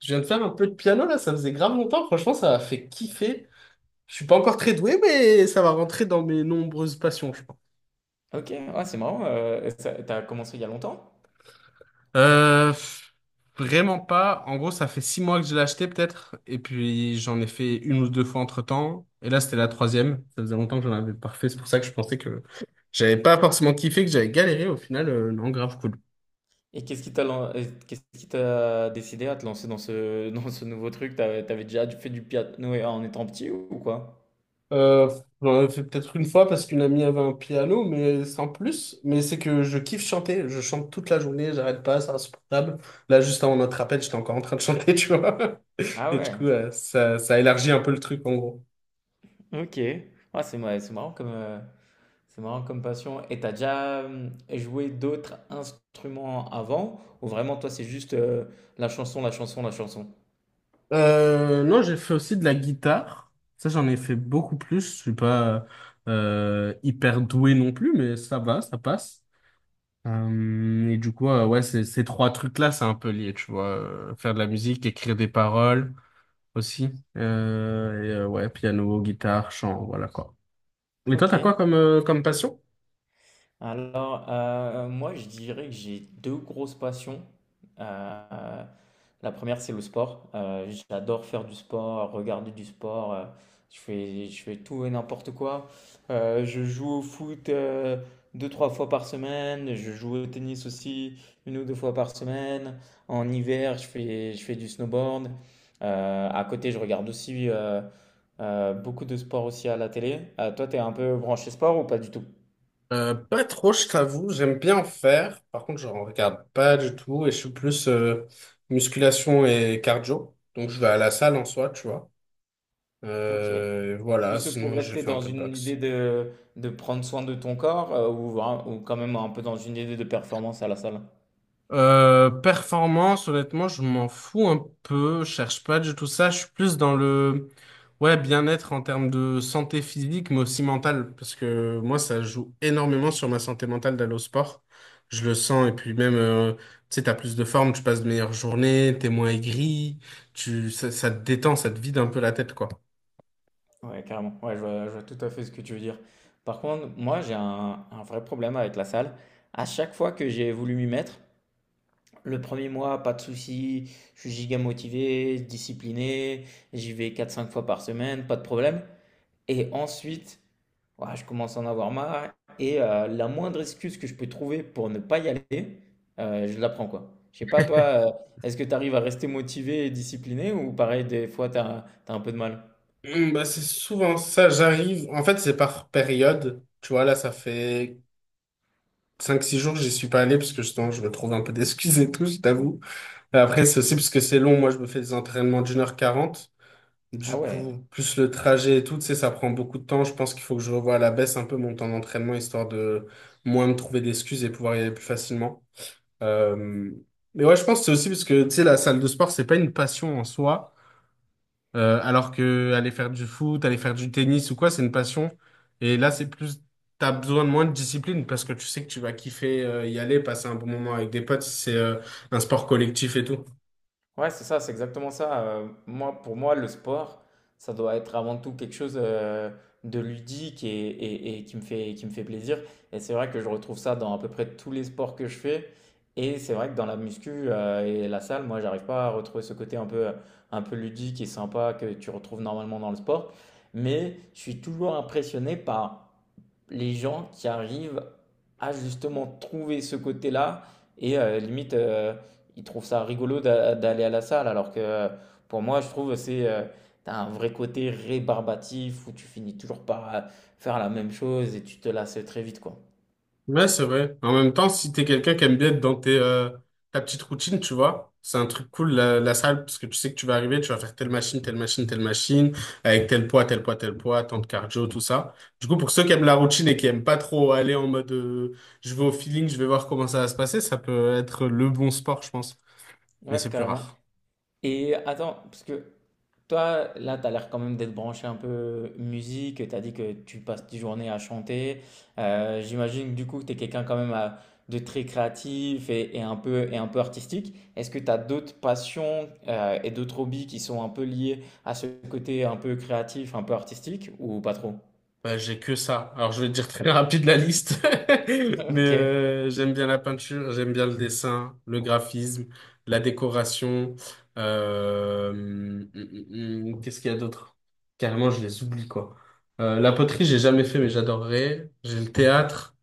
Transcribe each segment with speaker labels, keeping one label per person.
Speaker 1: Je viens de faire un peu de piano là, ça faisait grave longtemps. Franchement, ça m'a fait kiffer. Je suis pas encore très doué, mais ça va rentrer dans mes nombreuses passions, je pense.
Speaker 2: Ok, ah c'est marrant. T'as commencé il y a longtemps?
Speaker 1: Euh, pff, Vraiment pas. En gros, ça fait 6 mois que je l'ai acheté peut-être, et puis j'en ai fait 1 ou 2 fois entre-temps. Et là, c'était la troisième. Ça faisait longtemps que j'en avais pas refait. C'est pour ça que je pensais que j'avais pas forcément kiffé, que j'avais galéré. Au final, non, grave cool.
Speaker 2: Et qu'est-ce qui t'a décidé à te lancer dans ce, dans ce nouveau truc? T'avais déjà fait du piano en étant petit ou quoi?
Speaker 1: Euh, J'en avais fait peut-être une fois parce qu'une amie avait un piano, mais sans plus. Mais c'est que je kiffe chanter. Je chante toute la journée, j'arrête pas, c'est insupportable. Là, juste avant notre appel, j'étais encore en train de chanter, tu vois.
Speaker 2: Ah
Speaker 1: Et du coup,
Speaker 2: ouais,
Speaker 1: ça élargit un peu le truc, en gros.
Speaker 2: ok. Ah c'est marrant comme, c'est marrant comme passion. Et t'as déjà joué d'autres instruments avant? Ou vraiment, toi, c'est juste la chanson, la chanson, la chanson?
Speaker 1: Non, j'ai fait aussi de la guitare. Ça, j'en ai fait beaucoup plus. Je suis pas hyper doué non plus, mais ça va, ça passe. Et du coup, ouais, ces trois trucs-là, c'est un peu lié, tu vois. Faire de la musique, écrire des paroles aussi. Et, ouais, piano, guitare, chant, voilà quoi. Et toi,
Speaker 2: Ok.
Speaker 1: t'as quoi comme passion?
Speaker 2: Alors, moi, je dirais que j'ai deux grosses passions. Euh, la première, c'est le sport. J'adore faire du sport, regarder du sport. Je fais tout et n'importe quoi. Je joue au foot deux, trois fois par semaine. Je joue au tennis aussi une ou deux fois par semaine. En hiver, je fais du snowboard. À côté, je regarde aussi beaucoup de sports aussi à la télé. Toi, t'es un peu branché sport ou pas du tout?
Speaker 1: Pas trop, je t'avoue. J'aime bien en faire. Par contre, je ne regarde pas du tout et je suis plus musculation et cardio. Donc, je vais à la salle en soi, tu vois.
Speaker 2: Ok.
Speaker 1: Voilà,
Speaker 2: Plus pour
Speaker 1: sinon j'ai
Speaker 2: rester
Speaker 1: fait un
Speaker 2: dans
Speaker 1: peu de
Speaker 2: une idée
Speaker 1: boxe.
Speaker 2: de prendre soin de ton corps ou quand même un peu dans une idée de performance à la salle.
Speaker 1: Performance, honnêtement, je m'en fous un peu, je cherche pas du tout ça, je suis plus dans le ouais, bien-être en termes de santé physique, mais aussi mentale, parce que moi, ça joue énormément sur ma santé mentale d'aller au sport. Je le sens, et puis même, tu sais, t'as plus de forme, tu passes de meilleures journées, t'es moins aigri, ça te détend, ça te vide un peu la tête, quoi.
Speaker 2: Ouais, carrément. Ouais, je vois tout à fait ce que tu veux dire. Par contre, moi, un vrai problème avec la salle. À chaque fois que j'ai voulu m'y mettre, le premier mois, pas de souci, je suis giga motivé, discipliné, j'y vais quatre cinq fois par semaine, pas de problème. Et ensuite, ouah, je commence à en avoir marre. Et la moindre excuse que je peux trouver pour ne pas y aller, je la prends quoi. Je sais pas, toi, est-ce que tu arrives à rester motivé et discipliné ou pareil, des fois, tu as, un peu de mal?
Speaker 1: Bah, c'est souvent ça, j'arrive. En fait, c'est par période. Tu vois, là, ça fait 5, 6 jours, j'y suis pas allé parce que justement, je me trouve un peu d'excuses et tout, je t'avoue. Et après, c'est aussi parce que c'est long. Moi, je me fais des entraînements d'1h40.
Speaker 2: Ah
Speaker 1: Du
Speaker 2: ouais.
Speaker 1: coup, plus le trajet et tout, tu sais, ça prend beaucoup de temps. Je pense qu'il faut que je revoie à la baisse un peu mon temps d'entraînement histoire de moins me trouver d'excuses et pouvoir y aller plus facilement. Euh, Mais ouais, je pense que c'est aussi parce que, tu sais, la salle de sport, c'est pas une passion en soi. Alors que aller faire du foot, aller faire du tennis ou quoi, c'est une passion. Et là, c'est plus, t'as besoin de moins de discipline parce que tu sais que tu vas kiffer y aller, passer un bon moment avec des potes si c'est un sport collectif et tout.
Speaker 2: Ouais, c'est ça, c'est exactement ça. Moi, pour moi, le sport, ça doit être avant tout quelque chose de ludique et qui me fait plaisir. Et c'est vrai que je retrouve ça dans à peu près tous les sports que je fais. Et c'est vrai que dans la muscu et la salle, moi, j'arrive pas à retrouver ce côté un peu ludique et sympa que tu retrouves normalement dans le sport. Mais je suis toujours impressionné par les gens qui arrivent à justement trouver ce côté-là et limite ils trouvent ça rigolo d'aller à la salle alors que pour moi je trouve c'est t'as un vrai côté rébarbatif où tu finis toujours par faire la même chose et tu te lasses très vite quoi.
Speaker 1: Ouais, c'est vrai. En même temps, si t'es quelqu'un qui aime bien être dans ta petite routine, tu vois, c'est un truc cool, la salle, parce que tu sais que tu vas arriver, tu vas faire telle machine, telle machine, telle machine, avec tel poids, tel poids, tel poids, tant de cardio, tout ça. Du coup, pour ceux qui aiment la routine et qui aiment pas trop aller en mode, je vais au feeling, je vais voir comment ça va se passer, ça peut être le bon sport, je pense. Mais
Speaker 2: Ouais,
Speaker 1: c'est plus
Speaker 2: carrément.
Speaker 1: rare.
Speaker 2: Et attends, parce que toi, là, tu as l'air quand même d'être branché un peu musique. Tu as dit que tu passes tes journées à chanter. J'imagine que du coup que tu es quelqu'un de très créatif et un peu artistique. Est-ce que tu as d'autres passions et d'autres hobbies qui sont un peu liés à ce côté un peu créatif, un peu artistique ou pas trop?
Speaker 1: Bah, j'ai que ça. Alors, je vais te dire très rapide la liste, mais
Speaker 2: Ok.
Speaker 1: j'aime bien la peinture, j'aime bien le dessin, le graphisme, la décoration. Qu'est-ce qu'il y a d'autre? Carrément, je les oublie, quoi. La poterie, j'ai jamais fait, mais j'adorerais. J'ai le théâtre.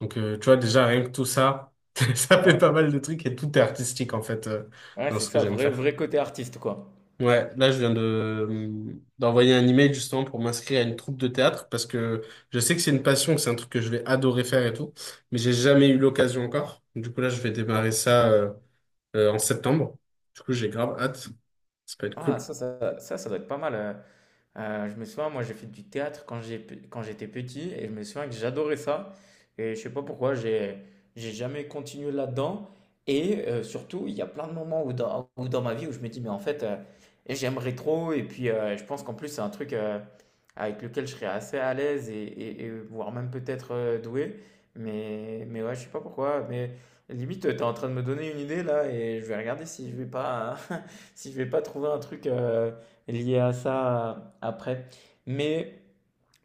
Speaker 1: Donc, tu vois, déjà, rien que tout ça, ça
Speaker 2: Ah
Speaker 1: fait
Speaker 2: ouais.
Speaker 1: pas mal de trucs et tout est artistique, en fait,
Speaker 2: Ouais,
Speaker 1: dans
Speaker 2: c'est
Speaker 1: ce que
Speaker 2: ça,
Speaker 1: j'aime
Speaker 2: vrai,
Speaker 1: faire.
Speaker 2: vrai côté artiste, quoi.
Speaker 1: Ouais, là je viens de d'envoyer un email justement pour m'inscrire à une troupe de théâtre parce que je sais que c'est une passion, que c'est un truc que je vais adorer faire et tout, mais j'ai jamais eu l'occasion encore. Du coup là je vais démarrer ça en septembre. Du coup j'ai grave hâte, ça peut être
Speaker 2: Ah,
Speaker 1: cool.
Speaker 2: ça doit être pas mal. Je me souviens, moi j'ai fait du théâtre quand j'étais petit et je me souviens que j'adorais ça. Et je sais pas pourquoi, j'ai jamais continué là-dedans. Et surtout, il y a plein de moments où dans ma vie où je me dis, mais en fait, j'aimerais trop. Et puis, je pense qu'en plus, c'est un truc avec lequel je serais assez à l'aise et voire même peut-être doué. Mais ouais, je sais pas pourquoi. Mais limite, tu es en train de me donner une idée là et je vais regarder si je vais pas, si je vais pas trouver un truc. Lié à ça après. Mais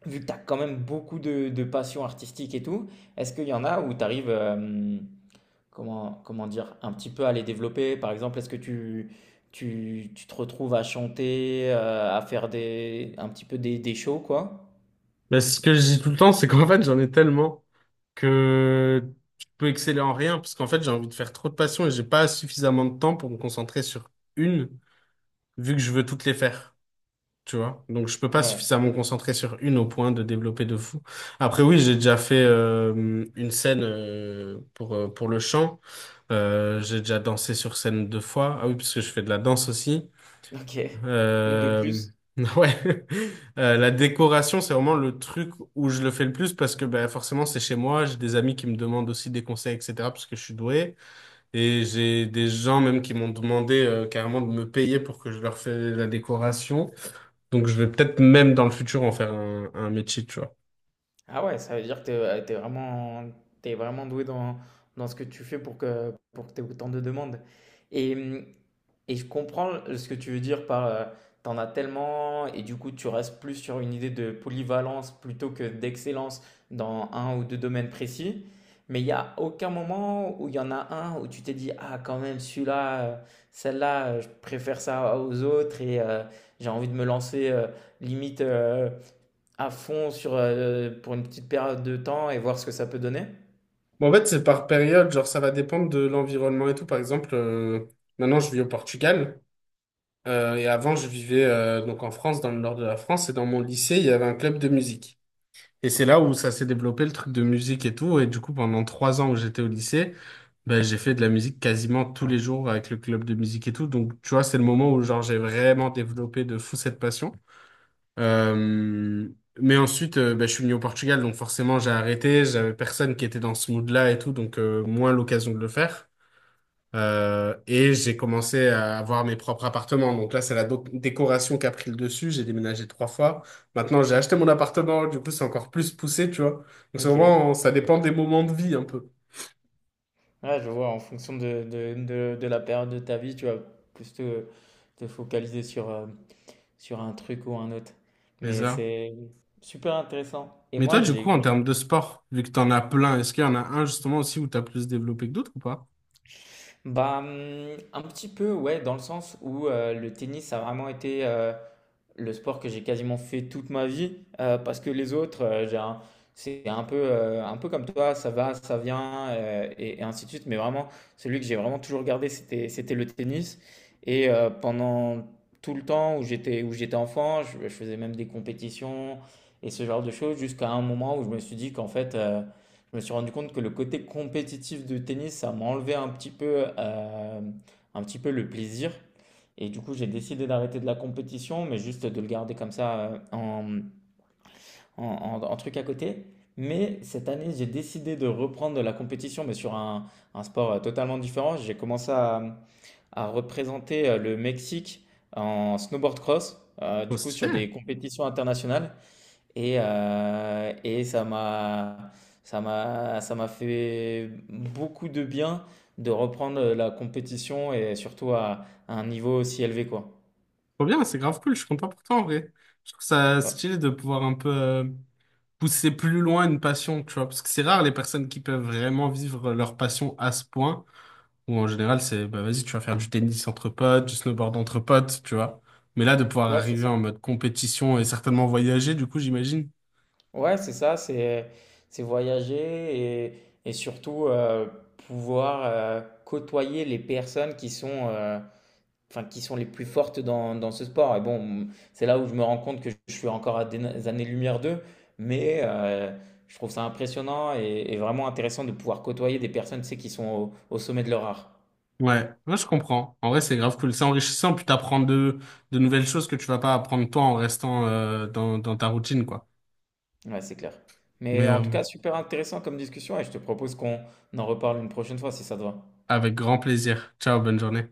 Speaker 2: vu que tu as quand même beaucoup de passion artistique et tout, est-ce qu'il y en a où tu arrives, comment dire, un petit peu à les développer? Par exemple, est-ce que tu te retrouves à chanter, à faire un petit peu des shows, quoi?
Speaker 1: Mais ce que je dis tout le temps, c'est qu'en fait j'en ai tellement que je peux exceller en rien parce qu'en fait j'ai envie de faire trop de passions et j'ai pas suffisamment de temps pour me concentrer sur une vu que je veux toutes les faire. Tu vois? Donc, je peux pas
Speaker 2: Ouais.
Speaker 1: suffisamment me concentrer sur une au point de développer de fou. Après, oui, j'ai déjà fait une scène pour le chant. J'ai déjà dansé sur scène 2 fois. Ah oui, parce que je fais de la danse aussi.
Speaker 2: Ok. De
Speaker 1: Euh,
Speaker 2: plus.
Speaker 1: ouais. La décoration, c'est vraiment le truc où je le fais le plus parce que ben, forcément, c'est chez moi. J'ai des amis qui me demandent aussi des conseils, etc. parce que je suis doué. Et j'ai des gens même qui m'ont demandé carrément de me payer pour que je leur fasse la décoration. Donc je vais peut-être même dans le futur en faire un métier, tu vois.
Speaker 2: Ah ouais, ça veut dire que t'es vraiment doué dans ce que tu fais pour que tu autant de demandes. Et, hum, et je comprends ce que tu veux dire par t'en as tellement et du coup tu restes plus sur une idée de polyvalence plutôt que d'excellence dans un ou deux domaines précis. Mais il n'y a aucun moment où il y en a un où tu t'es dit, ah quand même celui-là, celle-là, je préfère ça aux autres et j'ai envie de me lancer limite. À fond sur, pour une petite période de temps et voir ce que ça peut donner?
Speaker 1: Bon, en fait, c'est par période, genre ça va dépendre de l'environnement et tout. Par exemple, maintenant je vis au Portugal et avant je vivais donc en France, dans le nord de la France et dans mon lycée il y avait un club de musique. Et c'est là où ça s'est développé le truc de musique et tout. Et du coup, pendant 3 ans où j'étais au lycée, ben, j'ai fait de la musique quasiment tous les jours avec le club de musique et tout. Donc tu vois, c'est le moment où genre j'ai vraiment développé de fou cette passion. Euh, mais ensuite, bah, je suis venu au Portugal, donc forcément j'ai arrêté. J'avais personne qui était dans ce mood-là et tout, donc moins l'occasion de le faire. Et j'ai commencé à avoir mes propres appartements. Donc là, c'est la décoration qui a pris le dessus. J'ai déménagé 3 fois. Maintenant, j'ai acheté mon appartement. Du coup, c'est encore plus poussé, tu vois. Donc c'est
Speaker 2: Ok. Ouais,
Speaker 1: vraiment, ça dépend des moments de vie un peu.
Speaker 2: je vois, en fonction de la période de ta vie, tu vas plus te focaliser sur, sur un truc ou un autre.
Speaker 1: C'est
Speaker 2: Mais
Speaker 1: ça.
Speaker 2: c'est super intéressant. Et
Speaker 1: Mais
Speaker 2: moi,
Speaker 1: toi, du
Speaker 2: j'ai
Speaker 1: coup, en
Speaker 2: une...
Speaker 1: termes de sport, vu que t'en as plein, est-ce qu'il y en a un justement aussi où t'as plus développé que d'autres ou pas?
Speaker 2: Bah, un petit peu, ouais, dans le sens où le tennis a vraiment été... le sport que j'ai quasiment fait toute ma vie, parce que les autres, c'est un peu comme toi, ça va, ça vient, et ainsi de suite. Mais vraiment, celui que j'ai vraiment toujours gardé, c'était le tennis. Et pendant tout le temps où j'étais enfant, je faisais même des compétitions et ce genre de choses, jusqu'à un moment où je me suis dit qu'en fait, je me suis rendu compte que le côté compétitif du tennis, ça m'enlevait un petit peu le plaisir. Et du coup, j'ai décidé d'arrêter de la compétition, mais juste de le garder comme ça en truc à côté. Mais cette année, j'ai décidé de reprendre de la compétition, mais sur un sport totalement différent. À représenter le Mexique en snowboard cross,
Speaker 1: Trop
Speaker 2: du coup sur
Speaker 1: stylé.
Speaker 2: des compétitions internationales. Et, ça m'a fait beaucoup de bien de reprendre la compétition et surtout à un niveau aussi élevé, quoi.
Speaker 1: Trop bien, c'est grave cool, je suis content pour toi en vrai. Je trouve ça
Speaker 2: Ouais.
Speaker 1: stylé de pouvoir un peu pousser plus loin une passion, tu vois, parce que c'est rare les personnes qui peuvent vraiment vivre leur passion à ce point, où en général c'est, bah vas-y, tu vas faire du tennis entre potes, du snowboard entre potes, tu vois. Mais là, de pouvoir
Speaker 2: Ouais, c'est
Speaker 1: arriver
Speaker 2: ça.
Speaker 1: en mode compétition et certainement voyager, du coup, j'imagine.
Speaker 2: Ouais, c'est ça, c'est voyager et surtout pouvoir côtoyer les personnes qui sont, enfin, qui sont les plus fortes dans ce sport. Et bon, c'est là où je me rends compte que je suis encore à des années-lumière d'eux, mais je trouve ça impressionnant et vraiment intéressant de pouvoir côtoyer des personnes, tu sais, qui sont au, au sommet de leur art.
Speaker 1: Ouais, moi je comprends. En vrai, c'est grave cool, c'est enrichissant, puis t'apprends de nouvelles choses que tu vas pas apprendre toi en restant dans ta routine, quoi.
Speaker 2: Ouais, c'est clair.
Speaker 1: Mais
Speaker 2: Mais en tout cas, super intéressant comme discussion et je te propose qu'on en reparle une prochaine fois si ça te va.
Speaker 1: avec grand plaisir. Ciao, bonne journée.